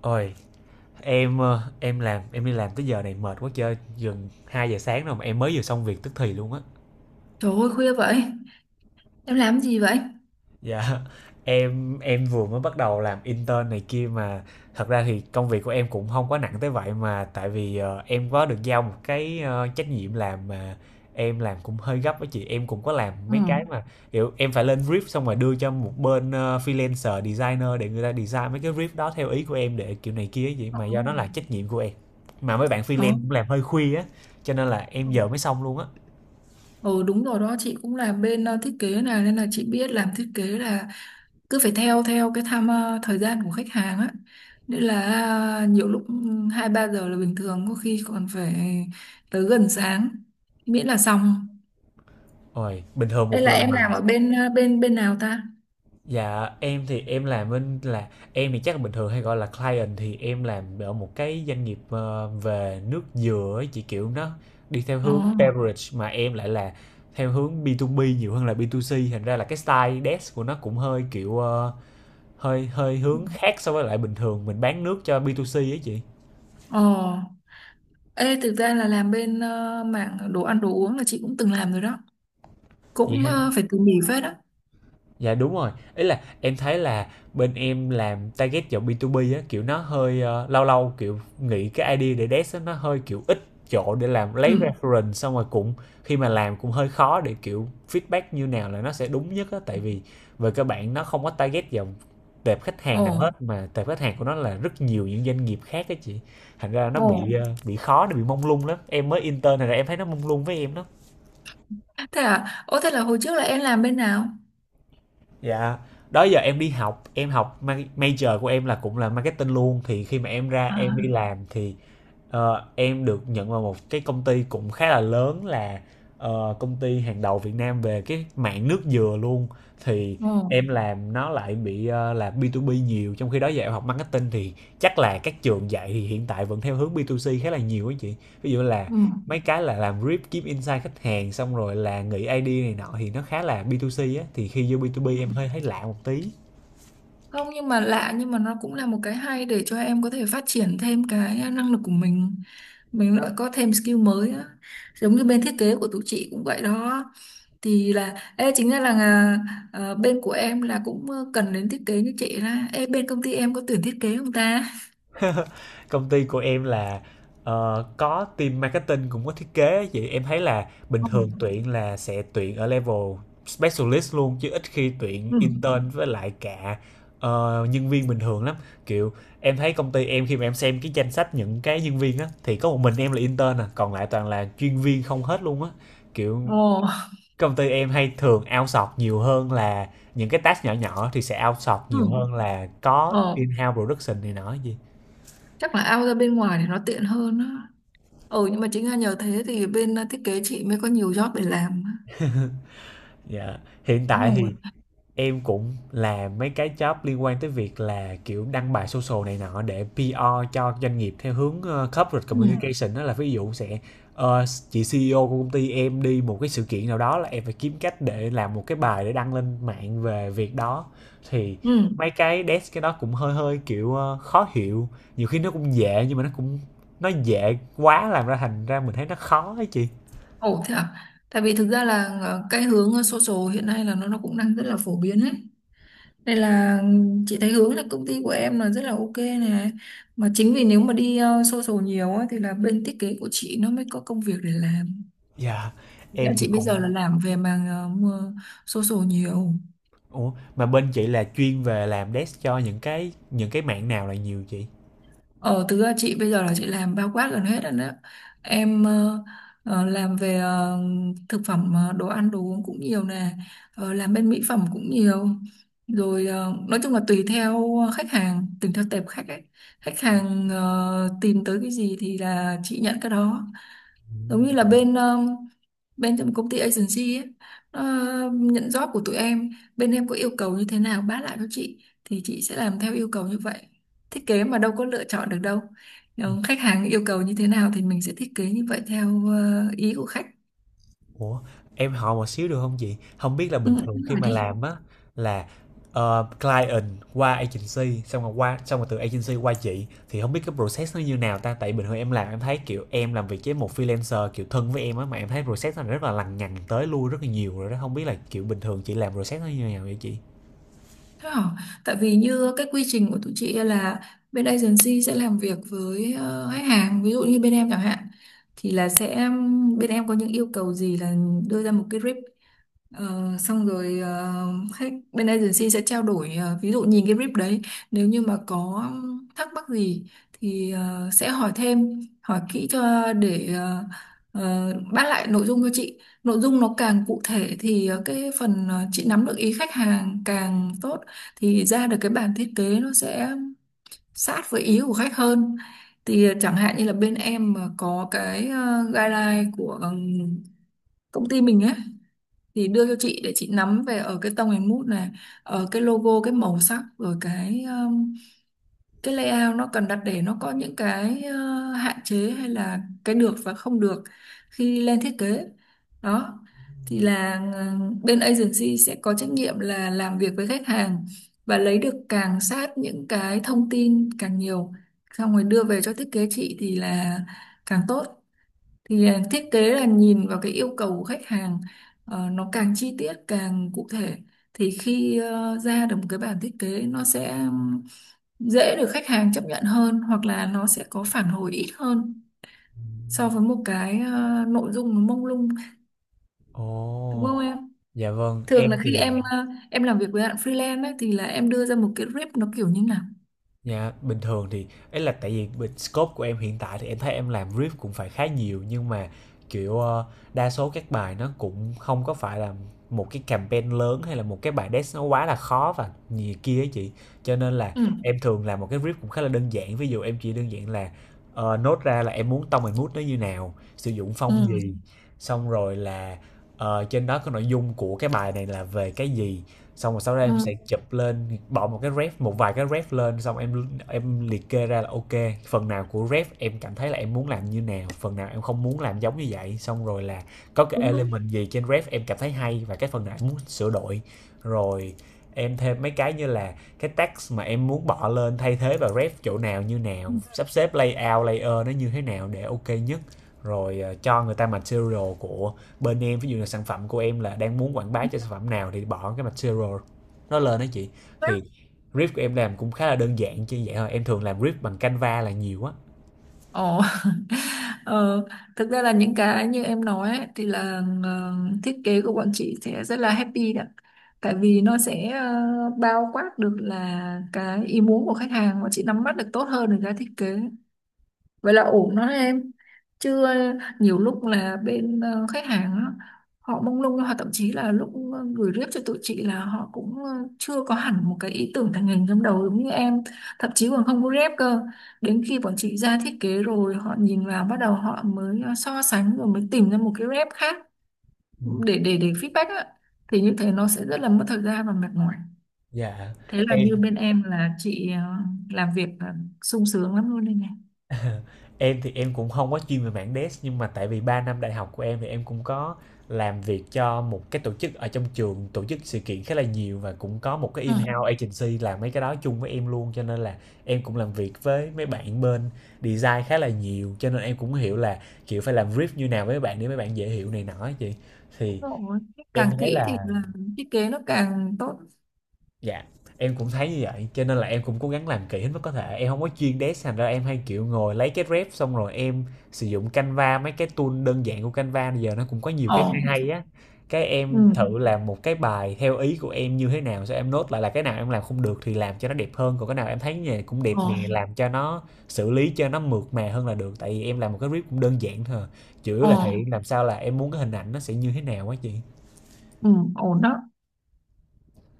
Ôi, em làm em đi làm tới giờ này mệt quá chơi, gần 2 giờ sáng rồi mà em mới vừa xong việc tức thì luôn á. Trời ơi khuya vậy. Em làm gì vậy? Dạ, em vừa mới bắt đầu làm intern này kia mà thật ra thì công việc của em cũng không quá nặng tới vậy mà tại vì em có được giao một cái trách nhiệm làm mà em làm cũng hơi gấp với chị, em cũng có làm Ừ. mấy cái mà kiểu em phải lên brief xong rồi đưa cho một bên freelancer designer để người ta design mấy cái brief đó theo ý của em để kiểu này kia vậy Ồ. mà, do Ồ. nó là trách nhiệm của em mà mấy bạn Ừ. freelance cũng làm hơi khuya á cho nên là em Ờ. giờ mới xong luôn á. Ờ, đúng rồi đó, chị cũng làm bên thiết kế này. Nên là chị biết làm thiết kế là cứ phải theo theo cái tham thời gian của khách hàng á. Nên là nhiều lúc hai ba giờ là bình thường. Có khi còn phải tới gần sáng, miễn là xong. Ôi, bình thường Đây một là lần em mà. làm ở bên nào ta? Dạ, em thì em làm bên là em thì chắc là bình thường hay gọi là client, thì em làm ở một cái doanh nghiệp về nước dừa ấy chị, kiểu nó đi theo Ừ. hướng beverage mà em lại là theo hướng B2B nhiều hơn là B2C, thành ra là cái style desk của nó cũng hơi kiểu hơi hơi hướng khác so với lại bình thường mình bán nước cho B2C ấy Ờ, ê thực ra là làm bên mảng đồ ăn đồ uống là chị cũng từng làm rồi đó, cũng chị. Phải tỉ mỉ phết đó. Dạ đúng rồi, ý là em thấy là bên em làm target vào B2B á, kiểu nó hơi lâu lâu kiểu nghĩ cái idea để desk á, nó hơi kiểu ít chỗ để làm, Ừ. lấy reference xong rồi cũng khi mà làm cũng hơi khó để kiểu feedback như nào là nó sẽ đúng nhất á, tại vì về cơ bản nó không có target vào tệp khách Ồ, hàng nào hết mà tệp khách hàng của nó là rất nhiều những doanh nghiệp khác á chị, thành ra nó ồ, bị bị khó, nó bị mông lung lắm. Em mới intern này là em thấy nó mông lung với em đó. thế à? Ồ, thế là hồi trước là em làm bên nào? Dạ, đó giờ em đi học, em học major của em là cũng là marketing luôn, thì khi mà em ra em À, đi làm thì em được nhận vào một cái công ty cũng khá là lớn là công ty hàng đầu Việt Nam về cái mảng nước dừa luôn, thì ồ, em làm nó lại bị là B2B nhiều, trong khi đó giờ em học marketing thì chắc là các trường dạy thì hiện tại vẫn theo hướng B2C khá là nhiều á chị. Ví dụ là ừ. mấy cái là làm rip kiếm insight khách hàng xong rồi là nghĩ ID này nọ thì nó khá là B2C á, thì khi vô B2B Ừ. em hơi thấy lạ một tí. Không, nhưng mà lạ, nhưng mà nó cũng là một cái hay để cho em có thể phát triển thêm cái năng lực của mình. Mình lại có thêm skill mới á. Giống như bên thiết kế của tụi chị cũng vậy đó. Thì là, ê, chính ra là bên của em là cũng cần đến thiết kế như chị ra. Ê, bên công ty em có tuyển thiết kế không ta? Công ty của em là có team marketing cũng có thiết kế, vậy em thấy là bình Ừ. thường tuyển là sẽ tuyển ở level specialist luôn, chứ ít khi tuyển Ừ. intern với lại cả nhân viên bình thường lắm. Kiểu em thấy công ty em khi mà em xem cái danh sách những cái nhân viên á thì có một mình em là intern à, còn lại toàn là chuyên viên không hết luôn á. Kiểu Ồ, công ty em hay thường outsource nhiều hơn là những cái task nhỏ nhỏ thì sẽ outsource ừ. nhiều hơn là có Ồ, in-house production này nọ gì. chắc là out ra bên ngoài thì nó tiện hơn á. Ừ, nhưng mà chính là nhờ thế thì bên thiết kế chị mới có nhiều job để làm, Dạ, hiện đúng tại thì không ạ? em cũng làm mấy cái job liên quan tới việc là kiểu đăng bài social này nọ để PR cho doanh nghiệp theo hướng corporate Ừ. communication, đó là ví dụ sẽ chị CEO của công ty em đi một cái sự kiện nào đó là em phải kiếm cách để làm một cái bài để đăng lên mạng về việc đó, thì Ừ. mấy cái desk cái đó cũng hơi hơi kiểu khó hiểu, nhiều khi nó cũng dễ nhưng mà nó cũng nó dễ quá làm ra thành ra mình thấy nó khó ấy chị. Ồ, thế à. Tại vì thực ra là cái hướng social hiện nay là nó cũng đang rất là phổ biến ấy. Đây là, ừ, chị thấy hướng là công ty của em là rất là ok này, mà chính vì nếu mà đi social nhiều á thì là bên thiết kế của chị nó mới có công việc để làm. Dạ Thực ra em thì chị bây giờ là cũng. làm về mảng mua social nhiều. Ủa, mà bên chị là chuyên về làm desk cho những cái mạng nào là nhiều chị? Ờ, thực ra chị bây giờ là chị làm bao quát gần hết rồi đấy. Em làm về thực phẩm, đồ ăn, đồ uống cũng nhiều nè. Ờ, làm bên mỹ phẩm cũng nhiều. Rồi nói chung là tùy theo khách hàng, tùy theo tệp khách ấy. Khách hàng tìm tới cái gì thì là chị nhận cái đó, giống Ừm. như là bên bên trong công ty agency ấy, nó nhận job của tụi em. Bên em có yêu cầu như thế nào báo lại cho chị thì chị sẽ làm theo yêu cầu như vậy. Thiết kế mà đâu có lựa chọn được đâu. Nếu khách hàng yêu cầu như thế nào thì mình sẽ thiết kế như vậy theo ý của khách. Ủa, em hỏi một xíu được không chị? Không biết là bình Ừ, thường đúng khi rồi mà đi. làm á là client qua agency xong rồi qua xong rồi từ agency qua chị, thì không biết cái process nó như nào ta, tại bình thường em làm em thấy kiểu em làm việc với một freelancer kiểu thân với em á, mà em thấy process nó rất là lằng nhằng tới lui rất là nhiều rồi đó, không biết là kiểu bình thường chị làm process nó như nào vậy chị? Thế hả? Tại vì như cái quy trình của tụi chị là bên agency sẽ làm việc với khách hàng, ví dụ như bên em chẳng hạn, thì là sẽ bên em có những yêu cầu gì là đưa ra một cái rip. Ờ, xong rồi khách bên agency sẽ trao đổi, ví dụ nhìn cái brief đấy, nếu như mà có thắc mắc gì thì sẽ hỏi thêm hỏi kỹ cho để bắt lại nội dung cho chị. Nội dung nó càng cụ thể thì cái phần chị nắm được ý khách hàng càng tốt, thì ra được cái bản thiết kế nó sẽ sát với ý của khách hơn. Thì chẳng hạn như là bên em mà có cái guideline của công ty mình ấy, thì đưa cho chị để chị nắm về ở cái tông hình mút này, ở cái logo, cái màu sắc, rồi cái layout nó cần đặt để nó có những cái hạn chế hay là cái được và không được khi lên thiết kế đó. Thì là bên agency sẽ có trách nhiệm là làm việc với khách hàng và lấy được càng sát những cái thông tin càng nhiều, xong rồi đưa về cho thiết kế chị thì là càng tốt. Thì thiết kế là nhìn vào cái yêu cầu của khách hàng, nó càng chi tiết càng cụ thể thì khi ra được một cái bản thiết kế nó sẽ dễ được khách hàng chấp nhận hơn, hoặc là nó sẽ có phản hồi ít hơn so với một cái nội dung nó mông lung, đúng Ồ, không em? dạ vâng, Thường em là thì. khi em làm việc với bạn freelance ấy, thì là em đưa ra một cái rip nó kiểu như nào. Dạ, bình thường thì ấy là tại vì bên scope của em hiện tại thì em thấy em làm riff cũng phải khá nhiều, nhưng mà kiểu đa số các bài nó cũng không có phải là một cái campaign lớn hay là một cái bài desk nó quá là khó và nhiều kia ấy chị. Cho nên là Ừ. em thường làm một cái riff cũng khá là đơn giản. Ví dụ em chỉ đơn giản là nốt ra là em muốn tone and mood nó như nào, sử dụng Ừ. phong gì, xong rồi là trên đó có nội dung của cái bài này là về cái gì, xong rồi sau đó em Ừ. sẽ chụp lên bỏ một cái ref, một vài cái ref lên, xong em liệt kê ra là ok, phần nào của ref em cảm thấy là em muốn làm như nào, phần nào em không muốn làm giống như vậy, xong rồi là có cái Đúng đúng. element gì trên ref em cảm thấy hay và cái phần nào em muốn sửa đổi rồi em thêm mấy cái như là cái text mà em muốn bỏ lên thay thế vào ref chỗ nào như nào, sắp xếp layout layer nó như thế nào để ok nhất, rồi cho người ta material của bên em, ví dụ là sản phẩm của em là đang muốn quảng bá cho sản phẩm nào thì bỏ cái material nó lên đó chị. Ừ. Thì riff của em làm cũng khá là đơn giản chứ vậy thôi, em thường làm riff bằng Canva là nhiều á. Ồ, ờ, thực ra là những cái như em nói ấy, thì là thiết kế của bọn chị sẽ rất là happy đó. Tại vì nó sẽ bao quát được là cái ý muốn của khách hàng và chị nắm bắt được tốt hơn được cái thiết kế, vậy là ổn đó em. Chứ nhiều lúc là bên khách hàng á, họ mông lung hoặc thậm chí là lúc gửi rep cho tụi chị là họ cũng chưa có hẳn một cái ý tưởng thành hình trong đầu giống như em, thậm chí còn không có rep cơ, đến khi bọn chị ra thiết kế rồi họ nhìn vào bắt đầu họ mới so sánh rồi mới tìm ra một cái rep khác Ừ. để feedback á, thì như thế nó sẽ rất là mất thời gian và mệt mỏi. Dạ Thế là em. như bên em là chị làm việc là sung sướng lắm luôn đây này. Em thì em cũng không có chuyên về mảng dev, nhưng mà tại vì 3 năm đại học của em thì em cũng có làm việc cho một cái tổ chức ở trong trường tổ chức sự kiện khá là nhiều, và cũng có một cái Ừ. in-house agency làm mấy cái đó chung với em luôn, cho nên là em cũng làm việc với mấy bạn bên design khá là nhiều, cho nên em cũng hiểu là kiểu phải làm brief như nào với mấy bạn để mấy bạn dễ hiểu này nọ á chị. Đúng Thì rồi. em Càng thấy kỹ là. thì là thiết kế nó càng tốt. Dạ, em cũng thấy như vậy, cho nên là em cũng cố gắng làm kỹ hết mức có thể. Em không có chuyên desk thành ra em hay, kiểu, ngồi lấy cái ref xong rồi em sử dụng Canva, mấy cái tool đơn giản của Canva bây giờ nó cũng có nhiều cái hay Ổn. hay á. Cái Ừ. em thử làm một cái bài theo ý của em như thế nào, xong em nốt lại là cái nào em làm không được thì làm cho nó đẹp hơn, còn cái nào em thấy như này cũng đẹp nè, Ổn. làm cho nó xử lý cho nó mượt mà hơn là được. Tại vì em làm một cái ref cũng đơn giản thôi à, chủ yếu là thể Ổn. hiện làm sao là em muốn cái hình ảnh nó sẽ như thế nào á chị. Ừ. Ổn đó.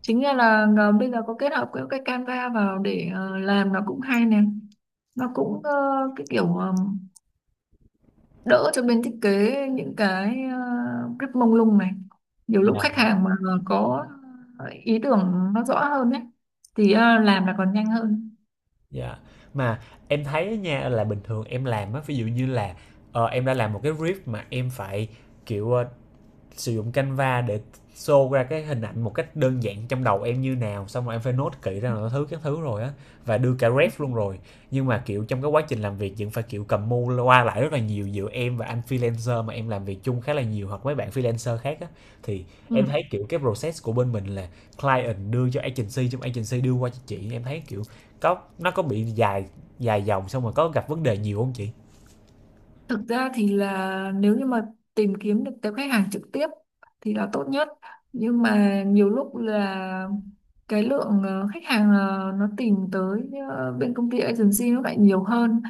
Chính ra là bây giờ có kết hợp cái Canva vào để làm nó cũng hay nè. Nó cũng cái kiểu đỡ cho bên thiết kế những cái rất mông lung này. Nhiều lúc Dạ. khách hàng mà có ý tưởng nó rõ hơn ấy thì làm là còn nhanh hơn. Dạ. Mà em thấy nha là bình thường em làm á, ví dụ như là, em đã làm một cái brief mà em phải, kiểu, sử dụng Canva để show ra cái hình ảnh một cách đơn giản trong đầu em như nào, xong rồi em phải nốt kỹ ra là thứ các thứ rồi á, và đưa cả ref luôn rồi, nhưng mà kiểu trong cái quá trình làm việc vẫn phải kiểu cầm mu qua lại rất là nhiều giữa em và anh freelancer mà em làm việc chung khá là nhiều hoặc mấy bạn freelancer khác á. Thì Ừ. em thấy kiểu cái process của bên mình là client đưa cho agency, trong agency đưa qua cho chị, em thấy kiểu có nó có bị dài dài dòng xong rồi có gặp vấn đề nhiều không chị? Thực ra thì là nếu như mà tìm kiếm được tới khách hàng trực tiếp thì là tốt nhất. Nhưng mà nhiều lúc là cái lượng khách hàng nó tìm tới bên công ty agency nó lại nhiều hơn,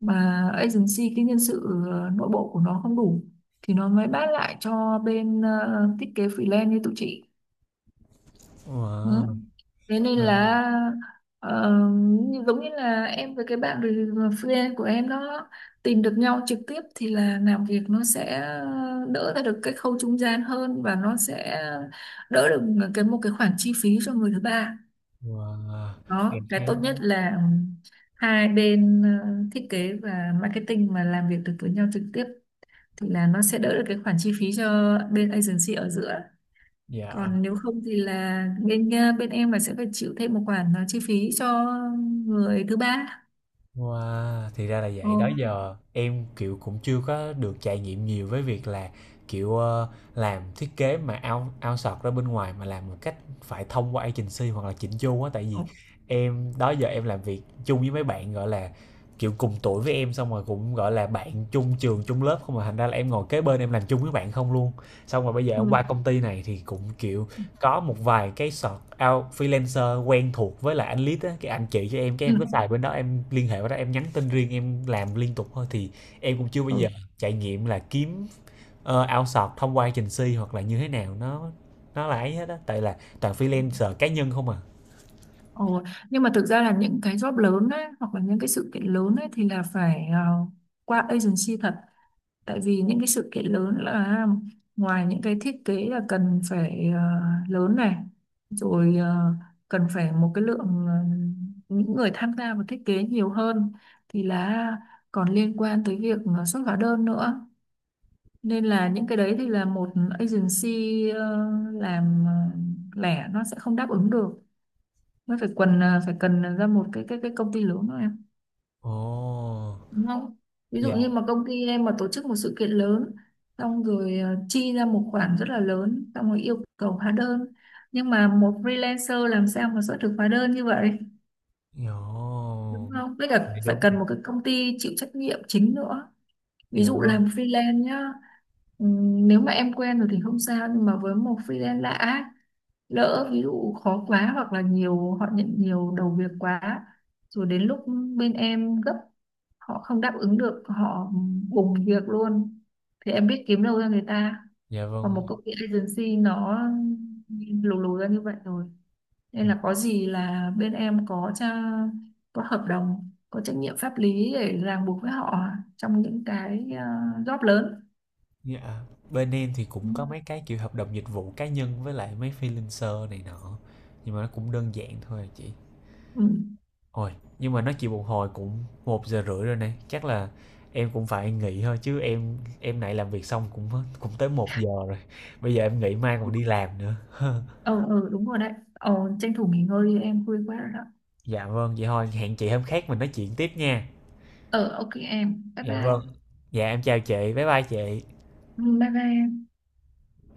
mà agency cái nhân sự nội bộ của nó không đủ thì nó mới bán lại cho bên thiết kế freelance như tụi chị. Ừ. Wow. Thế nên là ờ, giống như là em với cái bạn friend của em đó tìm được nhau trực tiếp thì là làm việc nó sẽ đỡ ra được cái khâu trung gian hơn và nó sẽ đỡ được cái một cái khoản chi phí cho người thứ ba. Wow. Đó, Em cái thấy. tốt nhất là hai bên thiết kế và marketing mà làm việc được với nhau trực tiếp thì là nó sẽ đỡ được cái khoản chi phí cho bên agency ở giữa, Dạ. còn nếu không thì là bên em là sẽ phải chịu thêm một khoản chi phí cho người thứ ba. Wow, thì ra là Ồ. vậy. Đó giờ em kiểu cũng chưa có được trải nghiệm nhiều với việc là kiểu làm thiết kế mà ao ao sọt ra bên ngoài mà làm một cách phải thông qua agency hoặc là chỉnh chu á, tại vì Ồ, em đó giờ em làm việc chung với mấy bạn gọi là kiểu cùng tuổi với em, xong rồi cũng gọi là bạn chung trường chung lớp không, mà thành ra là em ngồi kế bên em làm chung với bạn không luôn. Xong rồi bây giờ em ừ. qua công ty này thì cũng kiểu có một vài cái search out freelancer quen thuộc với lại anh lead á, cái anh chị cho em cái Ừ. em cứ xài bên đó, em liên hệ với đó, em nhắn tin riêng, em làm liên tục thôi, thì em cũng chưa bao Ừ. giờ trải nghiệm là kiếm outsource thông qua agency hoặc là như thế nào, nó là ấy hết á, tại là toàn freelancer cá nhân không à. Ồ. Nhưng mà thực ra là những cái job lớn ấy, hoặc là những cái sự kiện lớn ấy, thì là phải qua agency thật, tại vì những cái sự kiện lớn là ngoài những cái thiết kế là cần phải lớn này, rồi cần phải một cái lượng những người tham gia vào thiết kế nhiều hơn, thì là còn liên quan tới việc xuất hóa đơn nữa, nên là những cái đấy thì là một agency ờ, làm lẻ nó sẽ không đáp ứng được, mới phải cần ra một cái công ty lớn thôi em, Ồ, đúng không? Ví dụ như dạ. mà công ty em mà tổ chức một sự kiện lớn, xong rồi chi ra một khoản rất là lớn xong rồi yêu cầu hóa đơn, nhưng mà một freelancer làm sao mà xuất được hóa đơn như vậy, đúng Ồ, không? Với dạ cả phải đúng. cần một cái công ty chịu trách nhiệm chính nữa, ví Dạ dụ làm vâng. freelance nhá. Nếu mà em quen rồi thì không sao, nhưng mà với một freelance lạ á, lỡ ví dụ khó quá hoặc là nhiều họ nhận nhiều đầu việc quá, rồi đến lúc bên em gấp họ không đáp ứng được, họ bùng việc luôn, thì em biết kiếm đâu ra người ta. Dạ Còn vâng. một công ty agency nó lù lù ra như vậy rồi, nên là có gì là bên em có tra, có hợp đồng có trách nhiệm pháp lý để ràng buộc với họ trong những cái job lớn. Dạ, bên em thì cũng có mấy cái kiểu hợp đồng dịch vụ cá nhân với lại mấy freelancer này nọ. Nhưng mà nó cũng đơn giản thôi à chị. Ừ. Ôi, nhưng mà nói chuyện một hồi cũng 1 giờ rưỡi rồi này, chắc là em cũng phải nghỉ thôi, chứ em này làm việc xong cũng cũng tới 1 giờ rồi. Bây giờ em nghỉ mai còn đi làm nữa. Ừ, ừ đúng rồi đấy. Ờ, tranh thủ nghỉ ngơi đi em, vui quá rồi đó. Dạ vâng, vậy thôi hẹn chị hôm khác mình nói chuyện tiếp nha. Ờ, ok em, bye Dạ vâng. bye. Dạ em chào chị, bye bye chị. Ừ, bye bye em.